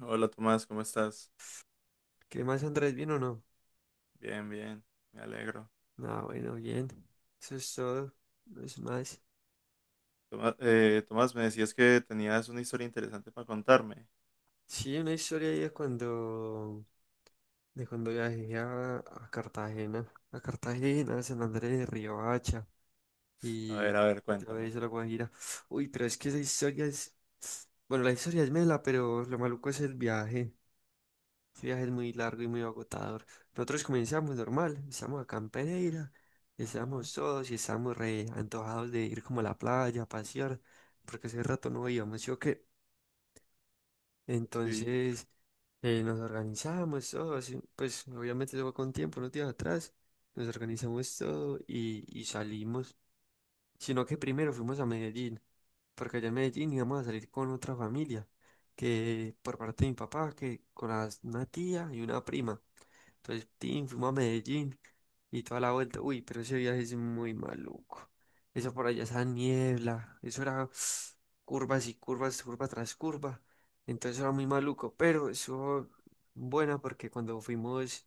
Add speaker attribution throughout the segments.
Speaker 1: Hola Tomás, ¿cómo estás?
Speaker 2: ¿Qué más, Andrés? ¿Bien o no?
Speaker 1: Bien, bien, me alegro.
Speaker 2: Ah, bueno, bien. Eso es todo. No es más.
Speaker 1: Tomás, me decías que tenías una historia interesante para contarme.
Speaker 2: Sí, una historia ahí de cuando viajé a Cartagena, a Cartagena, San Andrés de Riohacha y,
Speaker 1: A ver,
Speaker 2: y todo
Speaker 1: cuéntame.
Speaker 2: eso, la Guajira. Uy, pero es que esa historia es. Bueno, la historia es mela, pero lo maluco es el viaje. Este viaje es muy largo y muy agotador. Nosotros comenzamos normal, estamos acá en Pereira,
Speaker 1: Ajá,
Speaker 2: estamos todos y estamos re antojados de ir como a la playa, a pasear, porque hace rato no íbamos, ¿sí o qué?
Speaker 1: sí,
Speaker 2: Entonces nos organizamos todos, y, pues obviamente eso fue con tiempo, unos días atrás, nos organizamos todo y salimos, sino que primero fuimos a Medellín, porque allá en Medellín íbamos a salir con otra familia, que por parte de mi papá, que con una tía y una prima. Entonces, tin, fuimos a Medellín y toda la vuelta. Uy, pero ese viaje es muy maluco. Eso por allá, esa niebla, eso era curvas y curvas, curva tras curva. Entonces era muy maluco, pero eso bueno porque cuando fuimos,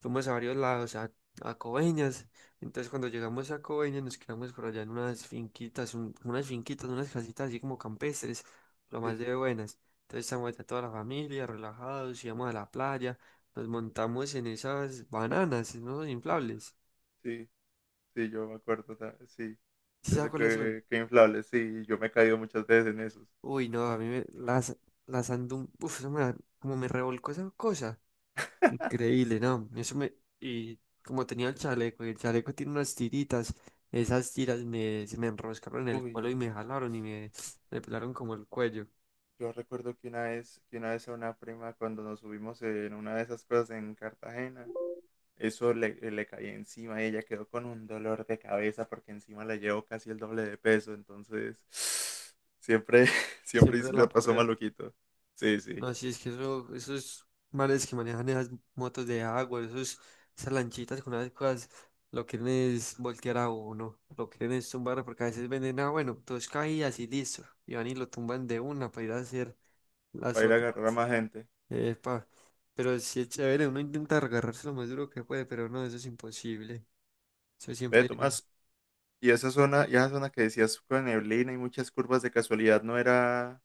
Speaker 2: fuimos a varios lados, a Coveñas. Entonces cuando llegamos a Coveñas nos quedamos por allá en unas finquitas, unas finquitas, unas casitas así como campestres, lo
Speaker 1: sí,
Speaker 2: más de
Speaker 1: sí,
Speaker 2: buenas. Entonces estamos allá toda la familia, relajados, íbamos a la playa. Nos montamos en esas bananas, ¿no? Inflables.
Speaker 1: sí, sí, yo me acuerdo, o sí,
Speaker 2: ¿Sí
Speaker 1: yo
Speaker 2: sabes
Speaker 1: sé
Speaker 2: cuáles son?
Speaker 1: que inflable, sí, yo me he caído muchas veces en esos.
Speaker 2: Uy, no, a mí me, las ando... Uf, eso como me revolcó esa cosa. Increíble, ¿no? Eso me... Y como tenía el chaleco, y el chaleco tiene unas tiritas, esas tiras se me enroscaron en el
Speaker 1: Uy,
Speaker 2: cuello y me jalaron y me pelaron como el cuello.
Speaker 1: yo recuerdo que una vez a una prima cuando nos subimos en una de esas cosas en Cartagena. Eso le cayó encima y ella quedó con un dolor de cabeza porque encima la llevó casi el doble de peso. Entonces, siempre, siempre
Speaker 2: Siempre
Speaker 1: sí la
Speaker 2: la
Speaker 1: pasó
Speaker 2: porreo.
Speaker 1: maluquito. Sí, sí,
Speaker 2: No, sí, es que eso, esos mares que manejan esas motos de agua, esas lanchitas con esas cosas, lo quieren es voltear a uno, lo quieren es tumbar, porque a veces venden, ah, bueno, dos caídas y listo, y van y lo tumban de una para ir a hacer las
Speaker 1: para ir a
Speaker 2: otras.
Speaker 1: agarrar a más gente.
Speaker 2: Epa, pero sí es chévere, uno intenta agarrarse lo más duro que puede, pero no, eso es imposible. Eso
Speaker 1: Ve,
Speaker 2: siempre,
Speaker 1: Tomás, y esa zona que decías con neblina y muchas curvas de casualidad, ¿no era,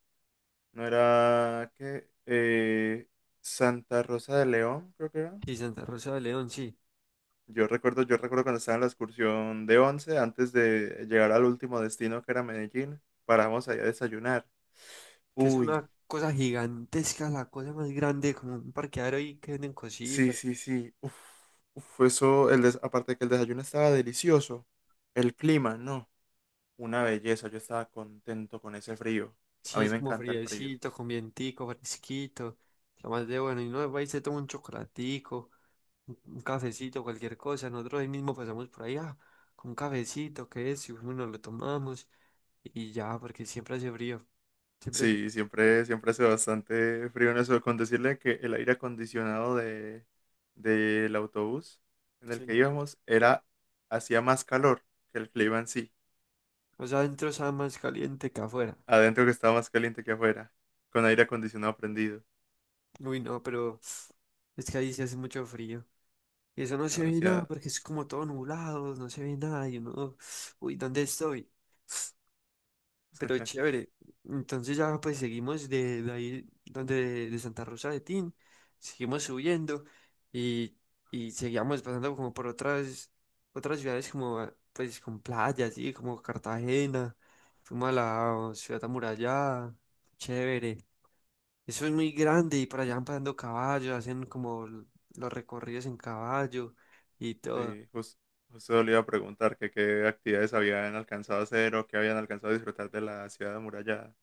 Speaker 1: no era, qué? Santa Rosa de León, creo que era.
Speaker 2: sí, Santa Rosa de León, sí,
Speaker 1: Yo recuerdo cuando estaba en la excursión de 11 antes de llegar al último destino que era Medellín, paramos allá a desayunar.
Speaker 2: que es
Speaker 1: Uy,
Speaker 2: una cosa gigantesca, la cosa más grande, como un parqueadero ahí que venden
Speaker 1: sí,
Speaker 2: cositas.
Speaker 1: sí, sí. Uf, uf, eso, aparte de que el desayuno estaba delicioso, el clima, no, una belleza. Yo estaba contento con ese frío. A
Speaker 2: Sí,
Speaker 1: mí
Speaker 2: es
Speaker 1: me
Speaker 2: como
Speaker 1: encanta el frío.
Speaker 2: friecito, con vientico, fresquito. Lo más de bueno. Y no va y se toma un chocolatico, un cafecito, cualquier cosa. Nosotros ahí mismo pasamos por ahí, ah, con un cafecito, que es, y uno nos lo tomamos y ya, porque siempre hace frío. Siempre hace-
Speaker 1: Sí, siempre hace bastante frío en eso. Con decirle que el aire acondicionado del autobús en el que
Speaker 2: Sí.
Speaker 1: íbamos hacía más calor que el clima en sí.
Speaker 2: O sea, adentro está más caliente que afuera.
Speaker 1: Adentro que estaba más caliente que afuera, con aire acondicionado prendido.
Speaker 2: Uy, no, pero es que ahí se hace mucho frío. Y eso no se ve nada
Speaker 1: Demasiado.
Speaker 2: porque es como todo nublado, no se ve nada. Y uno, uy, ¿dónde estoy? Pero chévere. Entonces ya pues seguimos de ahí donde de Santa Rosa de Tin, seguimos subiendo y, y seguíamos pasando como por otras otras ciudades como ah, pues con playas, sí, como Cartagena, fuimos a la oh, ciudad amurallada, chévere. Eso es muy grande y por allá van pasando caballos, hacen como los recorridos en caballo y todo.
Speaker 1: Sí, justo le iba a preguntar que qué actividades habían alcanzado a hacer o qué habían alcanzado a disfrutar de la ciudad amurallada.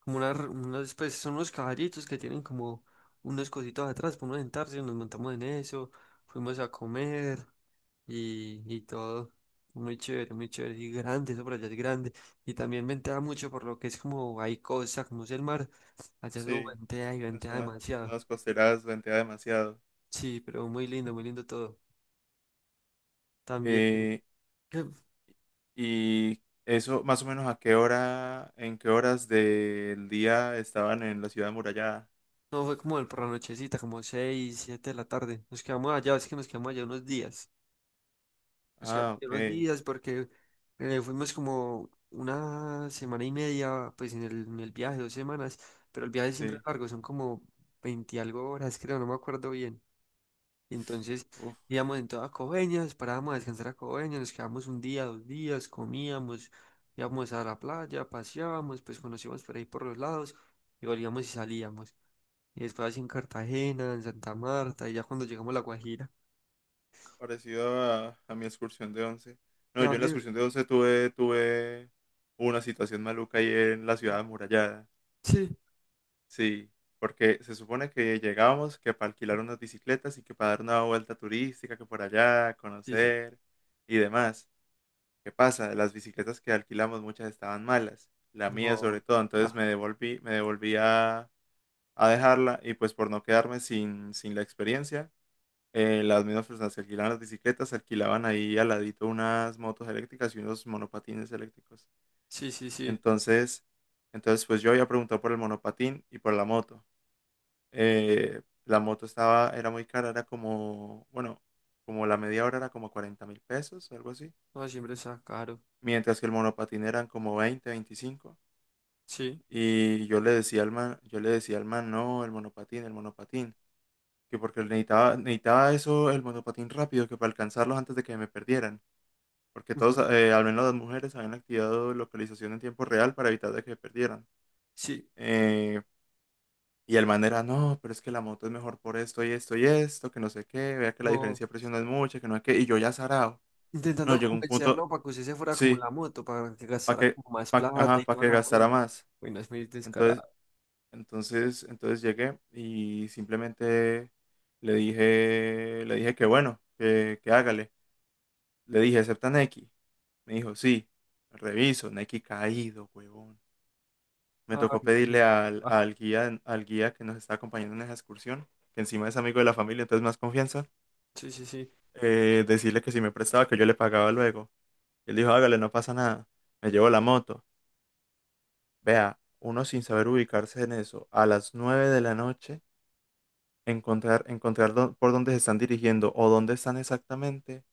Speaker 2: Como una, pues son unos caballitos que tienen como unos cositos atrás para uno sentarse, nos montamos en eso, fuimos a comer y todo. Muy chévere, y grande, eso por allá es grande. Y también ventea mucho por lo que es como hay cosas, como es el mar. Allá eso
Speaker 1: Sí,
Speaker 2: ventea y
Speaker 1: en
Speaker 2: ventea
Speaker 1: zonas, en
Speaker 2: demasiado.
Speaker 1: zonas costeras ventea demasiado.
Speaker 2: Sí, pero muy lindo todo. También,
Speaker 1: Eh,
Speaker 2: que
Speaker 1: y eso, más o menos, ¿a qué hora, en qué horas del día estaban en la ciudad amurallada?
Speaker 2: no fue como el por la nochecita, como seis, siete de la tarde. Nos quedamos allá, es que nos quedamos allá unos días. Nos quedamos
Speaker 1: Ah,
Speaker 2: ahí
Speaker 1: ok,
Speaker 2: unos días porque fuimos como una semana y media, pues en el viaje, dos semanas, pero el viaje siempre
Speaker 1: sí.
Speaker 2: es largo, son como 20 y algo horas, creo, no me acuerdo bien. Y entonces
Speaker 1: Uf,
Speaker 2: íbamos en toda Coveñas, nos parábamos a descansar a Coveñas, nos quedamos un día, dos días, comíamos, íbamos a la playa, paseábamos, pues conocíamos por ahí por los lados y volvíamos y salíamos. Y después así en Cartagena, en Santa Marta, y ya cuando llegamos a La Guajira.
Speaker 1: parecido a mi excursión de 11. No,
Speaker 2: ¿Ya
Speaker 1: yo en la
Speaker 2: dónde?
Speaker 1: excursión de 11 tuve una situación maluca ahí en la ciudad amurallada.
Speaker 2: Sí,
Speaker 1: Sí, porque se supone que llegábamos que para alquilar unas bicicletas y que para dar una vuelta turística, que por allá,
Speaker 2: sí, sí.
Speaker 1: conocer y demás. ¿Qué pasa? Las bicicletas que alquilamos muchas estaban malas, la mía sobre todo,
Speaker 2: No.
Speaker 1: entonces me devolví a dejarla y pues por no quedarme sin la experiencia, las mismas personas que alquilaban las bicicletas alquilaban ahí al ladito unas motos eléctricas y unos monopatines eléctricos.
Speaker 2: Sí, sí, sí. Cu-
Speaker 1: Entonces, entonces, pues yo había preguntado por el monopatín y por la moto. La moto era muy cara, era como, bueno, como la media hora era como 40.000 pesos, algo así.
Speaker 2: No, siempre está caro.
Speaker 1: Mientras que el monopatín eran como 20 25.
Speaker 2: Sí,
Speaker 1: Y yo le decía al man, yo le decía al man, no, el monopatín, el monopatín. Que porque necesitaba eso, el monopatín rápido, que para alcanzarlos antes de que me perdieran. Porque todos,
Speaker 2: ujú.
Speaker 1: al menos las mujeres, habían activado localización en tiempo real para evitar de que me perdieran.
Speaker 2: Sí.
Speaker 1: Eh, Y el man era, no, pero es que la moto es mejor por esto y esto y esto, que no sé qué, vea que la
Speaker 2: Como
Speaker 1: diferencia de precio no es mucha, que no sé qué, y yo ya sarao. No,
Speaker 2: intentando
Speaker 1: llegó un
Speaker 2: convencerlo
Speaker 1: punto,
Speaker 2: para que usted se fuera como en
Speaker 1: sí,
Speaker 2: la moto, para que
Speaker 1: para
Speaker 2: gastara
Speaker 1: que,
Speaker 2: como más plata
Speaker 1: ajá,
Speaker 2: y
Speaker 1: para
Speaker 2: toda
Speaker 1: que
Speaker 2: la
Speaker 1: gastara
Speaker 2: vuelta.
Speaker 1: más.
Speaker 2: Bueno, es muy
Speaker 1: Entonces,
Speaker 2: descarado.
Speaker 1: entonces, llegué y simplemente le dije que bueno, que hágale. Le dije, ¿acepta Nequi? Me dijo, sí, reviso, Nequi caído, huevón. Me
Speaker 2: Ay,
Speaker 1: tocó
Speaker 2: mira.
Speaker 1: pedirle al,
Speaker 2: Ah,
Speaker 1: al guía, al guía que nos está acompañando en esa excursión, que encima es amigo de la familia, entonces más confianza.
Speaker 2: sí, sí, sí.
Speaker 1: Decirle que si me prestaba, que yo le pagaba luego. Él dijo, hágale, no pasa nada. Me llevo la moto. Vea, uno sin saber ubicarse en eso, a las 9 de la noche, encontrar por dónde se están dirigiendo o dónde están exactamente,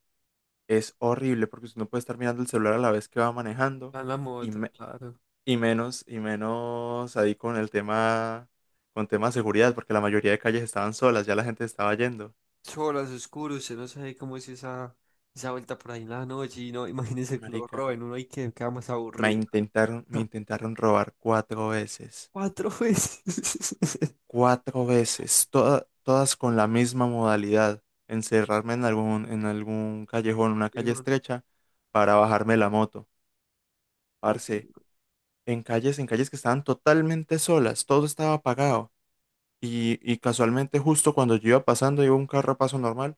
Speaker 1: es horrible porque usted no puede estar mirando el celular a la vez que va manejando
Speaker 2: En la
Speaker 1: y,
Speaker 2: moto,
Speaker 1: me-
Speaker 2: claro.
Speaker 1: y menos ahí con el tema, con tema de seguridad, porque la mayoría de calles estaban solas, ya la gente estaba yendo.
Speaker 2: Solas, oscuro, usted no sabe cómo es esa, esa vuelta por ahí en la noche. Y no, imagínese que lo
Speaker 1: Marica,
Speaker 2: roben uno y que queda más
Speaker 1: me
Speaker 2: aburrido.
Speaker 1: intentaron, me
Speaker 2: Ja,
Speaker 1: intentaron robar cuatro veces.
Speaker 2: cuatro veces.
Speaker 1: Cuatro veces, todas con la misma modalidad, encerrarme en algún, callejón, una calle
Speaker 2: Dijo,
Speaker 1: estrecha, para bajarme la moto.
Speaker 2: "Uy,
Speaker 1: Parce, en calles que estaban totalmente solas, todo estaba apagado. Y casualmente justo cuando yo iba pasando, iba un carro a paso normal,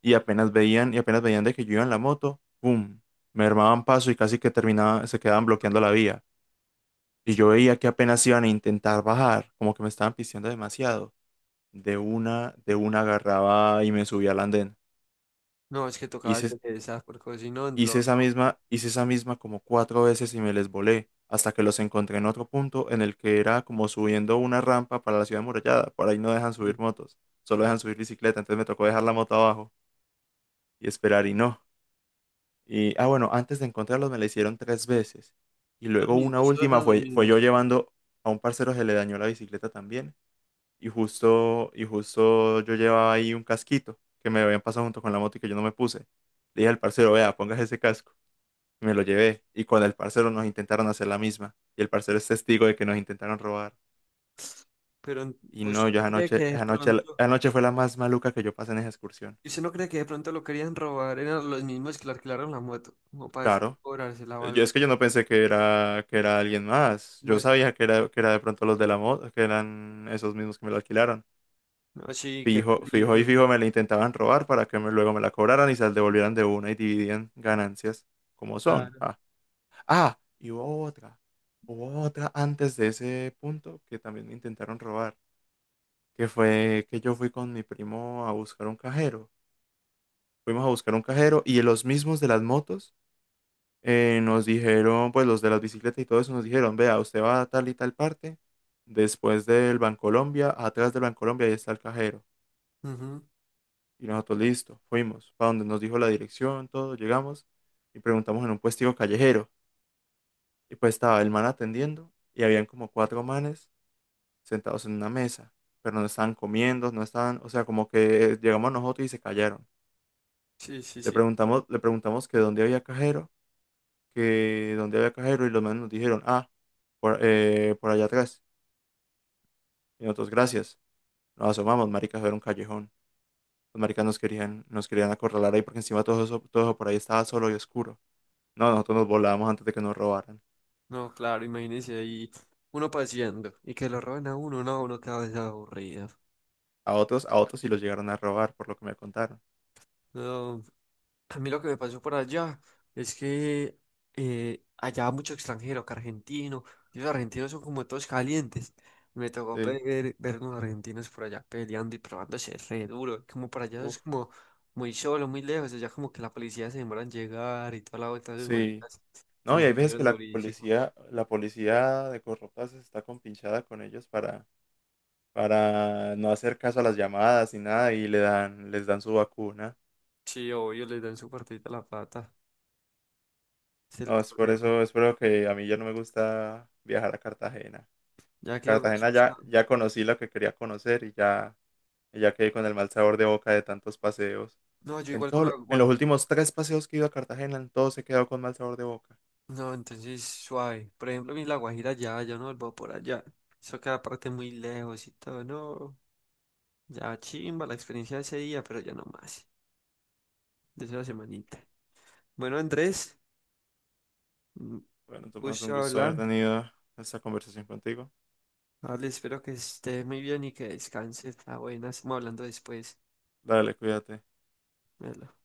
Speaker 1: y apenas veían de que yo iba en la moto, ¡pum! Me armaban paso y casi que terminaban, se quedaban bloqueando la vía. Y
Speaker 2: sí".
Speaker 1: yo veía que apenas iban a intentar bajar, como que me estaban pisteando demasiado. De una, agarraba y me subí al andén.
Speaker 2: No, es que tocaba
Speaker 1: Hice,
Speaker 2: hacer esas, porque si no, lo...
Speaker 1: hice esa misma como cuatro veces y me les volé, hasta que los encontré en otro punto en el que era como subiendo una rampa para la ciudad amurallada. Por ahí no dejan
Speaker 2: Sí.
Speaker 1: subir motos, solo dejan subir bicicleta, entonces me tocó dejar la moto abajo y esperar y no. Y, ah, bueno, antes de encontrarlos me la hicieron tres veces. Y
Speaker 2: Los
Speaker 1: luego una
Speaker 2: mismos, todos
Speaker 1: última
Speaker 2: eran los
Speaker 1: fue,
Speaker 2: mismos.
Speaker 1: yo llevando a un parcero se le dañó la bicicleta también y justo yo llevaba ahí un casquito que me habían pasado junto con la moto y que yo no me puse. Le dije al parcero, vea, póngase ese casco. Y me lo llevé. Y con el parcero nos intentaron hacer la misma. Y el parcero es testigo de que nos intentaron robar.
Speaker 2: Pero en-
Speaker 1: Y no,
Speaker 2: usted
Speaker 1: yo
Speaker 2: no cree que
Speaker 1: anoche,
Speaker 2: de
Speaker 1: anoche,
Speaker 2: pronto,
Speaker 1: anoche fue la más maluca que yo pasé en esa excursión.
Speaker 2: usted no cree que de pronto lo querían robar, eran los mismos que le alquilaron la moto, como para después
Speaker 1: Claro.
Speaker 2: cobrársela o
Speaker 1: Yo es
Speaker 2: algo.
Speaker 1: que yo no pensé que era, que era, alguien más.
Speaker 2: No,
Speaker 1: Yo
Speaker 2: sé,
Speaker 1: sabía que era de pronto los de la moto, que eran esos mismos que me lo alquilaron.
Speaker 2: no, sí, qué
Speaker 1: Fijo, fijo y
Speaker 2: peligro,
Speaker 1: fijo me la intentaban robar para que luego me la cobraran y se la devolvieran de una y dividían ganancias como son.
Speaker 2: claro.
Speaker 1: Ah, y hubo otra antes de ese punto que también me intentaron robar, que fue que yo fui con mi primo a buscar un cajero. Fuimos a buscar un cajero y los mismos de las motos nos dijeron, pues los de las bicicletas y todo eso nos dijeron, vea, usted va a tal y tal parte, después del Bancolombia, atrás del Bancolombia ahí está el cajero.
Speaker 2: Ujú,
Speaker 1: Y nosotros, listo, fuimos, para donde nos dijo la dirección, todo, llegamos y preguntamos en un puestico callejero. Y pues estaba el man atendiendo y habían como cuatro manes sentados en una mesa, pero no estaban comiendo, no estaban, o sea, como que llegamos nosotros y se callaron.
Speaker 2: sí, sí,
Speaker 1: Le
Speaker 2: sí.
Speaker 1: preguntamos, le preguntamos que dónde había cajero, que dónde había cajero y los manes nos dijeron, ah, por allá atrás. Y nosotros, gracias. Nos asomamos, maricas, era un callejón. Los maricas nos querían acorralar ahí porque encima todo eso, por ahí estaba solo y oscuro. No, nosotros nos volábamos antes de que nos robaran.
Speaker 2: No, claro, imagínese ahí uno paseando y que lo roben a uno, no, uno cada vez aburrido.
Speaker 1: a otros sí los llegaron a robar, por lo que me contaron.
Speaker 2: No, a mí lo que me pasó por allá es que allá mucho extranjero, que argentino, y los argentinos son como todos calientes. Me tocó
Speaker 1: Sí,
Speaker 2: ver unos argentinos por allá peleando y probándose re duro, como para allá es
Speaker 1: uf,
Speaker 2: como muy solo, muy lejos, allá como que la policía se demora en llegar y toda la vuelta de
Speaker 1: sí.
Speaker 2: maricas se
Speaker 1: No, y hay veces que
Speaker 2: encendieron
Speaker 1: la
Speaker 2: durísimo.
Speaker 1: policía, la policía de corruptas está compinchada con ellos para no hacer caso a las llamadas ni nada y les dan su vacuna.
Speaker 2: Sí, obvio, les dan su partidita a la pata, es el
Speaker 1: No, es por
Speaker 2: problema.
Speaker 1: eso, es por lo que a mí ya no me gusta viajar a Cartagena.
Speaker 2: Ya quedó...
Speaker 1: Cartagena ya conocí lo que quería conocer y ya quedé con el mal sabor de boca de tantos paseos.
Speaker 2: No, yo
Speaker 1: En
Speaker 2: igual
Speaker 1: todo,
Speaker 2: con la
Speaker 1: en los
Speaker 2: guajira.
Speaker 1: últimos tres paseos que he ido a Cartagena, en todos he quedado con mal sabor de boca.
Speaker 2: No, entonces suave. Por ejemplo, mi La Guajira ya, yo no vuelvo por allá. Eso queda aparte muy lejos y todo, no. Ya chimba la experiencia de ese día, pero ya no más. De esa semanita. Bueno, Andrés, un
Speaker 1: Bueno, Tomás, un
Speaker 2: gusto
Speaker 1: gusto haber
Speaker 2: hablar.
Speaker 1: tenido esta conversación contigo.
Speaker 2: Vale, espero que estés muy bien y que descanses. Ah, buena, estamos hablando después.
Speaker 1: Dale, cuídate.
Speaker 2: Hola.